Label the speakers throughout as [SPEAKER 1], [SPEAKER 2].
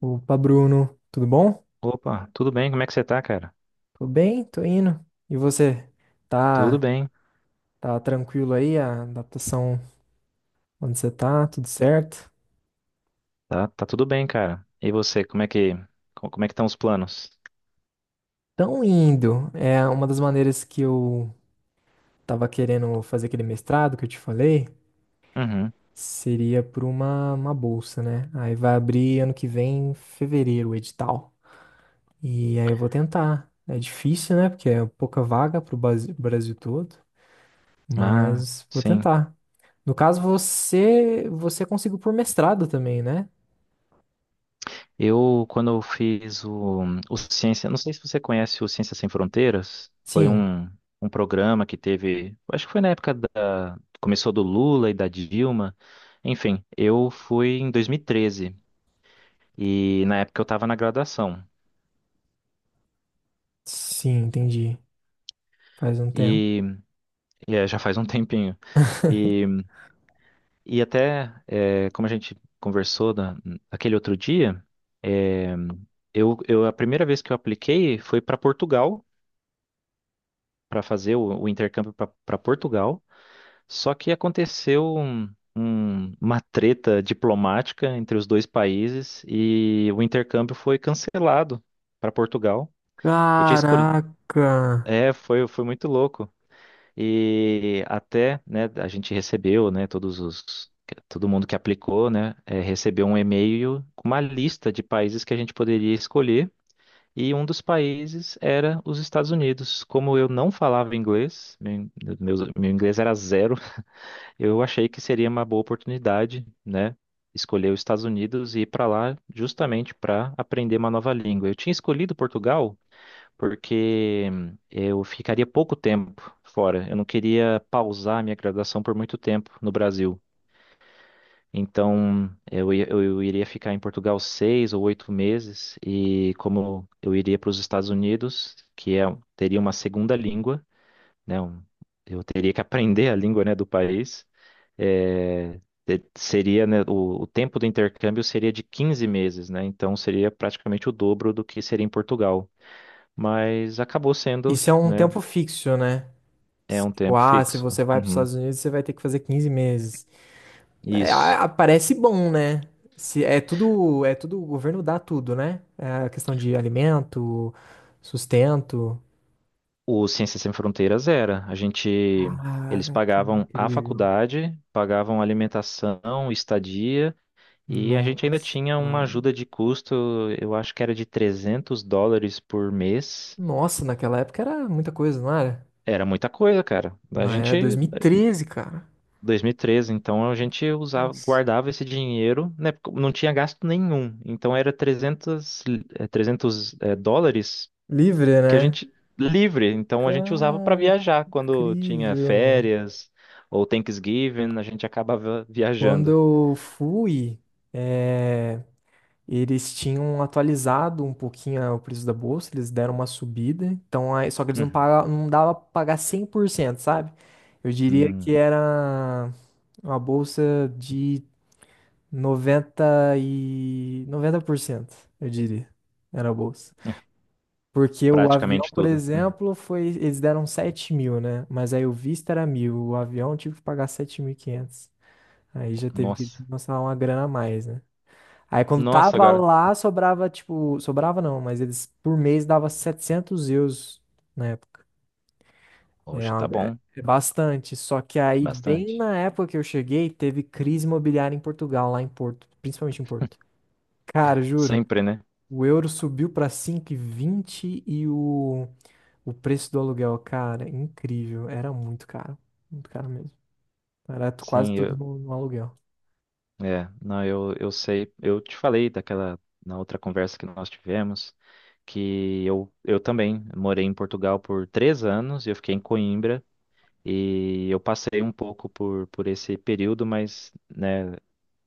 [SPEAKER 1] Opa, Bruno, tudo bom?
[SPEAKER 2] Opa, tudo bem? Como é que você tá, cara?
[SPEAKER 1] Tô bem, tô indo. E você?
[SPEAKER 2] Tudo
[SPEAKER 1] Tá,
[SPEAKER 2] bem.
[SPEAKER 1] tá tranquilo aí? A adaptação onde você tá? Tudo certo?
[SPEAKER 2] Tá tudo bem, cara. E você, como é que estão os planos?
[SPEAKER 1] Tão indo. É uma das maneiras que eu tava querendo fazer aquele mestrado que eu te falei,
[SPEAKER 2] Uhum.
[SPEAKER 1] seria por uma bolsa, né? Aí vai abrir ano que vem, em fevereiro, o edital. E aí eu vou tentar. É difícil, né? Porque é pouca vaga pro Brasil todo,
[SPEAKER 2] Ah,
[SPEAKER 1] mas vou
[SPEAKER 2] sim.
[SPEAKER 1] tentar. No caso, você conseguiu por mestrado também, né?
[SPEAKER 2] Quando eu fiz o Ciência, não sei se você conhece o Ciência Sem Fronteiras, foi
[SPEAKER 1] Sim,
[SPEAKER 2] um programa que teve, acho que foi na época começou do Lula e da Dilma. Enfim, eu fui em 2013 e na época eu estava na graduação.
[SPEAKER 1] sim, entendi. Faz um tempo.
[SPEAKER 2] e, já faz um tempinho. E até, como a gente conversou da aquele outro dia, eh, a primeira vez que eu apliquei foi para Portugal, para fazer o intercâmbio para Portugal. Só que aconteceu uma treta diplomática entre os dois países e o intercâmbio foi cancelado para Portugal. Eu tinha escolhido.
[SPEAKER 1] Caraca!
[SPEAKER 2] É, foi muito louco. E até, né, a gente recebeu, né, todo mundo que aplicou, né, recebeu um e-mail com uma lista de países que a gente poderia escolher. E um dos países era os Estados Unidos. Como eu não falava inglês, meu inglês era zero, eu achei que seria uma boa oportunidade, né, escolher os Estados Unidos e ir para lá justamente para aprender uma nova língua. Eu tinha escolhido Portugal porque eu ficaria pouco tempo fora. Eu não queria pausar minha graduação por muito tempo no Brasil. Então, eu iria ficar em Portugal 6 ou 8 meses, e como eu iria para os Estados Unidos, que é, teria uma segunda língua, né? Eu teria que aprender a língua, né, do país. é, Seria, né, o tempo do intercâmbio seria de 15 meses, né? Então seria praticamente o dobro do que seria em Portugal. Mas acabou sendo,
[SPEAKER 1] Isso é um
[SPEAKER 2] né?
[SPEAKER 1] tempo fixo, né?
[SPEAKER 2] É um
[SPEAKER 1] Tipo,
[SPEAKER 2] tempo
[SPEAKER 1] ah, se
[SPEAKER 2] fixo.
[SPEAKER 1] você vai para os
[SPEAKER 2] Uhum.
[SPEAKER 1] Estados Unidos, você vai ter que fazer 15 meses. É,
[SPEAKER 2] Isso.
[SPEAKER 1] parece bom, né? Se, é tudo, o governo dá tudo, né? É a questão de alimento, sustento.
[SPEAKER 2] O Ciências Sem Fronteiras era. Eles
[SPEAKER 1] Cara, que
[SPEAKER 2] pagavam a
[SPEAKER 1] incrível.
[SPEAKER 2] faculdade, pagavam alimentação, estadia, e a gente ainda
[SPEAKER 1] Nossa,
[SPEAKER 2] tinha uma
[SPEAKER 1] cara.
[SPEAKER 2] ajuda de custo. Eu acho que era de US$ 300 por mês.
[SPEAKER 1] Nossa, naquela época era muita coisa, não era?
[SPEAKER 2] Era muita coisa, cara.
[SPEAKER 1] Mas é dois mil e treze cara.
[SPEAKER 2] 2013, então a gente
[SPEAKER 1] Nossa.
[SPEAKER 2] guardava esse dinheiro, né? Porque não tinha gasto nenhum. Então era 300 dólares
[SPEAKER 1] Livre,
[SPEAKER 2] que a
[SPEAKER 1] né?
[SPEAKER 2] gente livre. Então a gente usava para
[SPEAKER 1] Cara, que
[SPEAKER 2] viajar quando tinha
[SPEAKER 1] incrível.
[SPEAKER 2] férias ou Thanksgiving, a gente acabava
[SPEAKER 1] Quando
[SPEAKER 2] viajando.
[SPEAKER 1] eu fui, é, eles tinham atualizado um pouquinho o preço da bolsa, eles deram uma subida. Então, aí, só que eles não
[SPEAKER 2] Uhum,
[SPEAKER 1] pagavam, não dava pra pagar 100%, sabe? Eu diria
[SPEAKER 2] uhum,
[SPEAKER 1] que era uma bolsa de noventa, e 90%, eu diria. Era a bolsa.
[SPEAKER 2] é,
[SPEAKER 1] Porque o avião,
[SPEAKER 2] praticamente
[SPEAKER 1] por
[SPEAKER 2] tudo. Uhum.
[SPEAKER 1] exemplo, foi. Eles deram 7.000, né? Mas aí o visto era 1.000. O avião eu tive que pagar 7.500. Aí já teve que
[SPEAKER 2] Nossa,
[SPEAKER 1] lançar uma grana a mais, né? Aí quando
[SPEAKER 2] nossa
[SPEAKER 1] tava
[SPEAKER 2] agora.
[SPEAKER 1] lá, sobrava, tipo. Sobrava não, mas eles por mês dava 700 euros na época. É, é
[SPEAKER 2] Poxa,
[SPEAKER 1] uma-
[SPEAKER 2] tá bom,
[SPEAKER 1] É bastante. Só que aí, bem
[SPEAKER 2] bastante.
[SPEAKER 1] na época que eu cheguei, teve crise imobiliária em Portugal, lá em Porto. Principalmente em Porto. Cara, juro.
[SPEAKER 2] Sempre, né?
[SPEAKER 1] O euro subiu pra 5,20 e o. O preço do aluguel, cara, é incrível. Era muito caro. Muito caro mesmo. Era quase
[SPEAKER 2] Sim,
[SPEAKER 1] tudo no aluguel.
[SPEAKER 2] não, eu sei, eu te falei daquela na outra conversa que nós tivemos. Que eu também morei em Portugal por 3 anos e eu fiquei em Coimbra. E eu passei um pouco por esse período, mas né,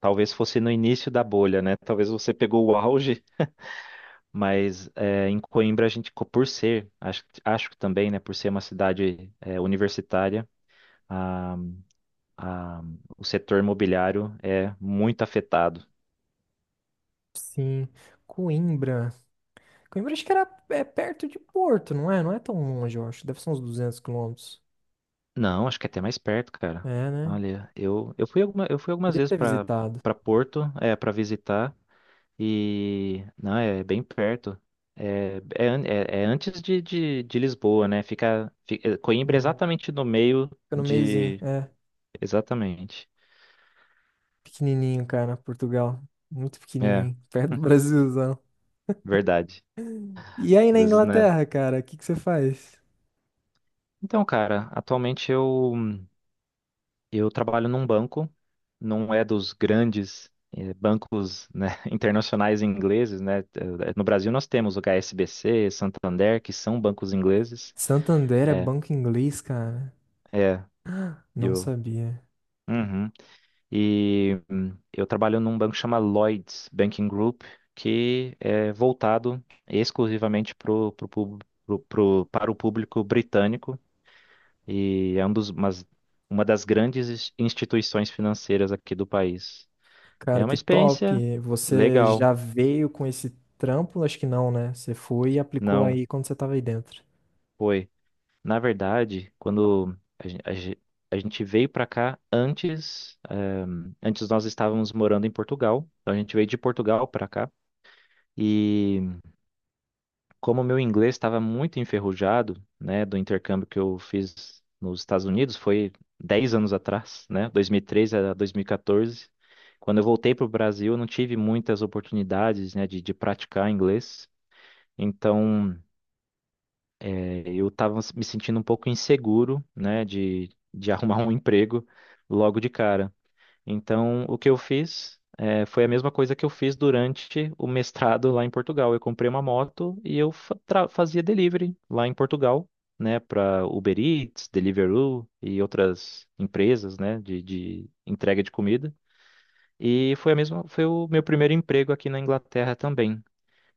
[SPEAKER 2] talvez fosse no início da bolha, né? Talvez você pegou o auge, mas em Coimbra por ser, acho que também, né, por ser uma cidade universitária, a, a, o setor imobiliário é muito afetado.
[SPEAKER 1] Sim. Coimbra. Coimbra acho que era perto de Porto, não é? Não é tão longe, eu acho. Deve ser uns 200 quilômetros.
[SPEAKER 2] Não, acho que é até mais perto, cara.
[SPEAKER 1] É, né?
[SPEAKER 2] Olha, eu fui algumas
[SPEAKER 1] Queria
[SPEAKER 2] vezes
[SPEAKER 1] ter
[SPEAKER 2] para
[SPEAKER 1] visitado.
[SPEAKER 2] Porto, para visitar. E não, é bem perto. É antes de Lisboa, né? Coimbra é
[SPEAKER 1] Uhum.
[SPEAKER 2] exatamente no meio
[SPEAKER 1] Fica no meiozinho,
[SPEAKER 2] de.
[SPEAKER 1] é.
[SPEAKER 2] Exatamente.
[SPEAKER 1] Pequenininho, cara, Portugal. Muito
[SPEAKER 2] É,
[SPEAKER 1] pequenininho. Perto do Brasilzão.
[SPEAKER 2] verdade.
[SPEAKER 1] E aí
[SPEAKER 2] Às
[SPEAKER 1] na
[SPEAKER 2] vezes, né?
[SPEAKER 1] Inglaterra, cara, o que que você faz?
[SPEAKER 2] Então, cara, atualmente eu trabalho num banco, não é dos grandes bancos, né, internacionais ingleses, né? No Brasil nós temos o H S B C Santander, que são bancos ingleses.
[SPEAKER 1] Santander é
[SPEAKER 2] É,
[SPEAKER 1] banco inglês, cara?
[SPEAKER 2] é. E
[SPEAKER 1] Não
[SPEAKER 2] eu.
[SPEAKER 1] sabia.
[SPEAKER 2] Uhum. E eu trabalho num banco que chama Lloyds Banking Group, que é voltado exclusivamente pro, pro, pub- pro, pro- para o público britânico e é uma das grandes instituições financeiras aqui do país.
[SPEAKER 1] Cara,
[SPEAKER 2] É uma
[SPEAKER 1] que
[SPEAKER 2] experiência
[SPEAKER 1] top. Você
[SPEAKER 2] legal,
[SPEAKER 1] já veio com esse trampo? Acho que não, né? Você foi e aplicou
[SPEAKER 2] não
[SPEAKER 1] aí quando você tava aí dentro.
[SPEAKER 2] foi. Na verdade, quando a gente veio para cá antes, antes nós estávamos morando em Portugal, então a gente veio de Portugal para cá. E como meu inglês estava muito enferrujado, né, do intercâmbio que eu fiz nos Estados Unidos, foi 10 anos atrás, né, 2013 a 2014. Quando eu voltei para o Brasil, eu não tive muitas oportunidades, né, de praticar inglês. Então, eu estava me sentindo um pouco inseguro, né, de arrumar um emprego logo de cara. Então, o que eu fiz foi a mesma coisa que eu fiz durante o mestrado lá em Portugal. Eu comprei uma moto e eu fazia delivery lá em Portugal, né, para Uber Eats, Deliveroo e outras empresas, né, de entrega de comida. E foi foi o meu primeiro emprego aqui na Inglaterra também.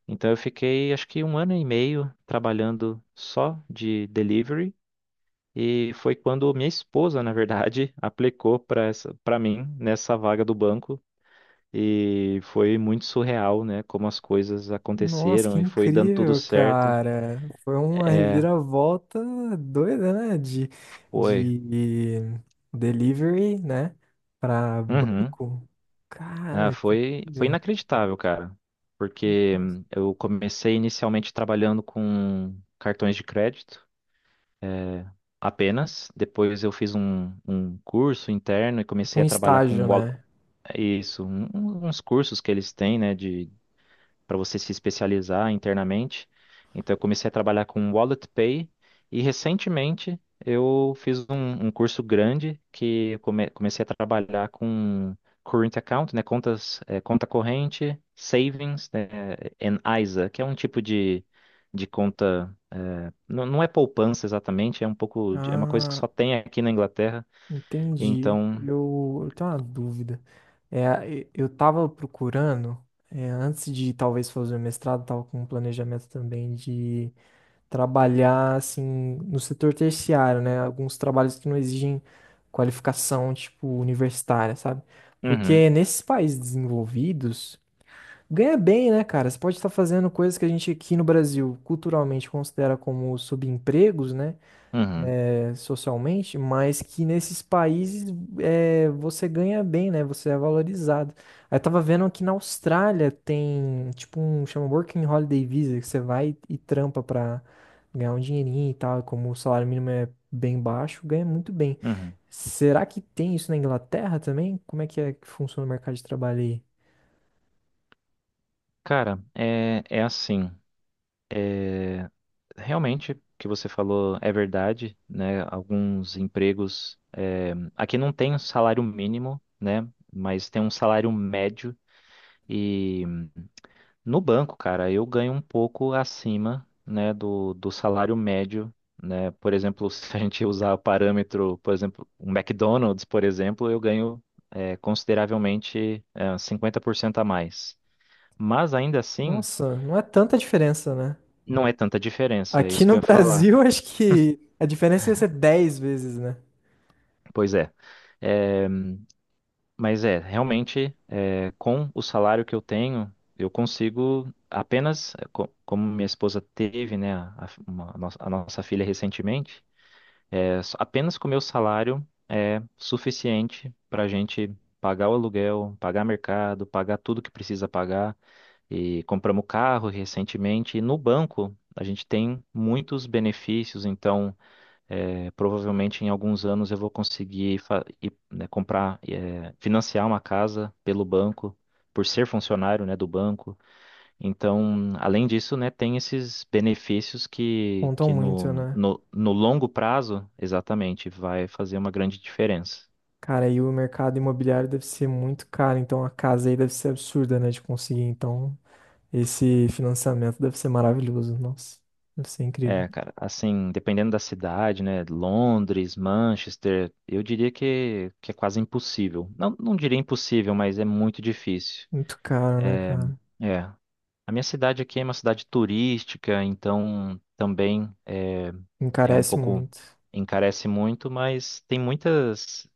[SPEAKER 2] Então, eu fiquei acho que 1 ano e meio trabalhando só de delivery. E foi quando minha esposa, na verdade, aplicou para mim nessa vaga do banco e foi muito surreal, né? Como as coisas
[SPEAKER 1] Nossa,
[SPEAKER 2] aconteceram
[SPEAKER 1] que
[SPEAKER 2] e foi dando tudo
[SPEAKER 1] incrível,
[SPEAKER 2] certo.
[SPEAKER 1] cara. Foi uma
[SPEAKER 2] É,
[SPEAKER 1] reviravolta doida, né? De,
[SPEAKER 2] foi.
[SPEAKER 1] de delivery, né? Pra
[SPEAKER 2] Uhum.
[SPEAKER 1] banco.
[SPEAKER 2] Ah,
[SPEAKER 1] Cara, que
[SPEAKER 2] foi
[SPEAKER 1] incrível.
[SPEAKER 2] inacreditável, cara. Porque eu comecei inicialmente trabalhando com cartões de crédito, é, apenas. Depois eu fiz um curso interno e comecei
[SPEAKER 1] Um
[SPEAKER 2] a trabalhar
[SPEAKER 1] estágio,
[SPEAKER 2] com
[SPEAKER 1] né?
[SPEAKER 2] isso, uns cursos que eles têm, né? de Para você se especializar internamente. Então, eu comecei a trabalhar com Wallet Pay e recentemente eu fiz um curso grande que eu comecei a trabalhar com Current Account, né, contas, conta corrente, Savings, né, and ISA, que é um tipo de conta. Não, não é poupança exatamente, é um pouco, é uma coisa que
[SPEAKER 1] Ah.
[SPEAKER 2] só tem aqui na Inglaterra.
[SPEAKER 1] Entendi.
[SPEAKER 2] Então,
[SPEAKER 1] Eu tenho uma dúvida. Eu estava procurando, antes de talvez fazer o mestrado, estava com um planejamento também de trabalhar assim no setor terciário, né? Alguns trabalhos que não exigem qualificação, tipo, universitária, sabe?
[SPEAKER 2] uhum,
[SPEAKER 1] Porque nesses países desenvolvidos, ganha bem, né, cara? Você pode estar fazendo coisas que a gente aqui no Brasil culturalmente considera como subempregos, né?
[SPEAKER 2] uhum,
[SPEAKER 1] Socialmente, mas que nesses países você ganha bem, né? Você é valorizado. Aí eu tava vendo que na Austrália tem tipo um chama Working Holiday Visa, que você vai e trampa pra ganhar um dinheirinho e tal, e como o salário mínimo é bem baixo, ganha muito bem.
[SPEAKER 2] uhum.
[SPEAKER 1] Será que tem isso na Inglaterra também? Como é que funciona o mercado de trabalho aí?
[SPEAKER 2] Cara, é assim. é, Realmente, o que você falou é verdade, né? Alguns empregos. Aqui não tem um salário mínimo, né? Mas tem um salário médio. E no banco, cara, eu ganho um pouco acima, né, do salário médio, né? Por exemplo, se a gente usar o parâmetro, por exemplo, um McDonald's, por exemplo, eu ganho consideravelmente 50% a mais. Mas ainda assim,
[SPEAKER 1] Nossa, não é tanta diferença, né?
[SPEAKER 2] não é tanta diferença, é
[SPEAKER 1] Aqui
[SPEAKER 2] isso que eu
[SPEAKER 1] no
[SPEAKER 2] ia falar.
[SPEAKER 1] Brasil, acho que a diferença ia ser 10 vezes, né?
[SPEAKER 2] Pois é. É, mas realmente, com o salário que eu tenho, eu consigo apenas, como minha esposa teve, né, a nossa filha recentemente, apenas com o meu salário é suficiente para a gente pagar o aluguel, pagar mercado, pagar tudo que precisa pagar. E compramos carro recentemente. E no banco, a gente tem muitos benefícios, então. É, provavelmente em alguns anos eu vou conseguir ir, né, comprar, financiar uma casa pelo banco, por ser funcionário, né, do banco. Então, além disso, né, tem esses benefícios que,
[SPEAKER 1] Contam
[SPEAKER 2] que
[SPEAKER 1] muito, né?
[SPEAKER 2] no longo prazo, exatamente, vai fazer uma grande diferença.
[SPEAKER 1] Cara, aí o mercado imobiliário deve ser muito caro, então a casa aí deve ser absurda, né, de conseguir. Então, esse financiamento deve ser maravilhoso. Nossa, deve ser incrível.
[SPEAKER 2] É, cara, assim, dependendo da cidade, né, Londres, Manchester, eu diria que é quase impossível. Não, não diria impossível, mas é muito difícil.
[SPEAKER 1] Muito caro, né, cara?
[SPEAKER 2] É. A minha cidade aqui é uma cidade turística, então também é um
[SPEAKER 1] Encarece
[SPEAKER 2] pouco,
[SPEAKER 1] muito.
[SPEAKER 2] encarece muito, mas tem muitas.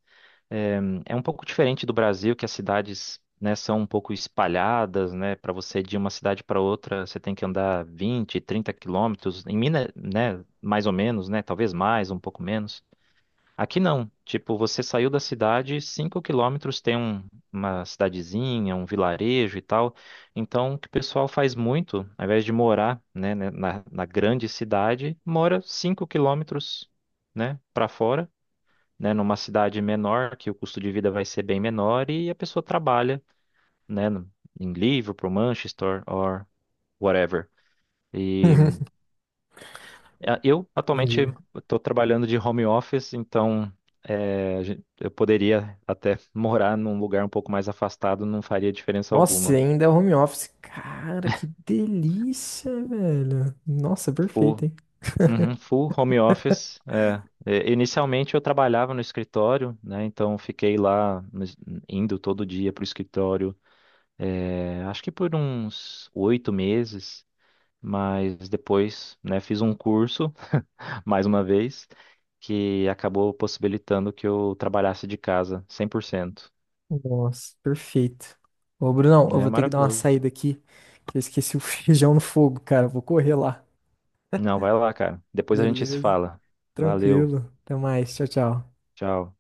[SPEAKER 2] É, é um pouco diferente do Brasil, que as cidades, né, são um pouco espalhadas, né? Para você ir de uma cidade para outra, você tem que andar 20, 30 quilômetros. Em Minas, né, mais ou menos, né? Talvez mais, um pouco menos. Aqui não. Tipo, você saiu da cidade, 5 km tem uma cidadezinha, um vilarejo e tal. Então, o que o pessoal faz muito, ao invés de morar, né, na grande cidade, mora 5 km, né, para fora, né, numa cidade menor, que o custo de vida vai ser bem menor e a pessoa trabalha, né, em Liverpool, Manchester or whatever. Eu atualmente
[SPEAKER 1] Entendi.
[SPEAKER 2] estou trabalhando de home office, então eu poderia até morar num lugar um pouco mais afastado, não faria diferença
[SPEAKER 1] Nossa, e
[SPEAKER 2] alguma.
[SPEAKER 1] ainda é home office. Cara, que delícia, velho. Nossa, perfeito,
[SPEAKER 2] Full,
[SPEAKER 1] hein?
[SPEAKER 2] uhum, full home office. É. É, inicialmente eu trabalhava no escritório, né? Então fiquei lá no indo todo dia para o escritório, acho que por uns 8 meses, mas depois, né, fiz um curso, mais uma vez, que acabou possibilitando que eu trabalhasse de casa 100%.
[SPEAKER 1] Nossa, perfeito. Ô, Brunão, eu
[SPEAKER 2] É
[SPEAKER 1] vou ter que dar uma
[SPEAKER 2] maravilhoso.
[SPEAKER 1] saída aqui, que eu esqueci o feijão no fogo, cara. Vou correr lá.
[SPEAKER 2] Não, vai lá, cara. Depois a gente se
[SPEAKER 1] Beleza.
[SPEAKER 2] fala. Valeu.
[SPEAKER 1] Tranquilo. Até mais. Tchau, tchau.
[SPEAKER 2] Tchau.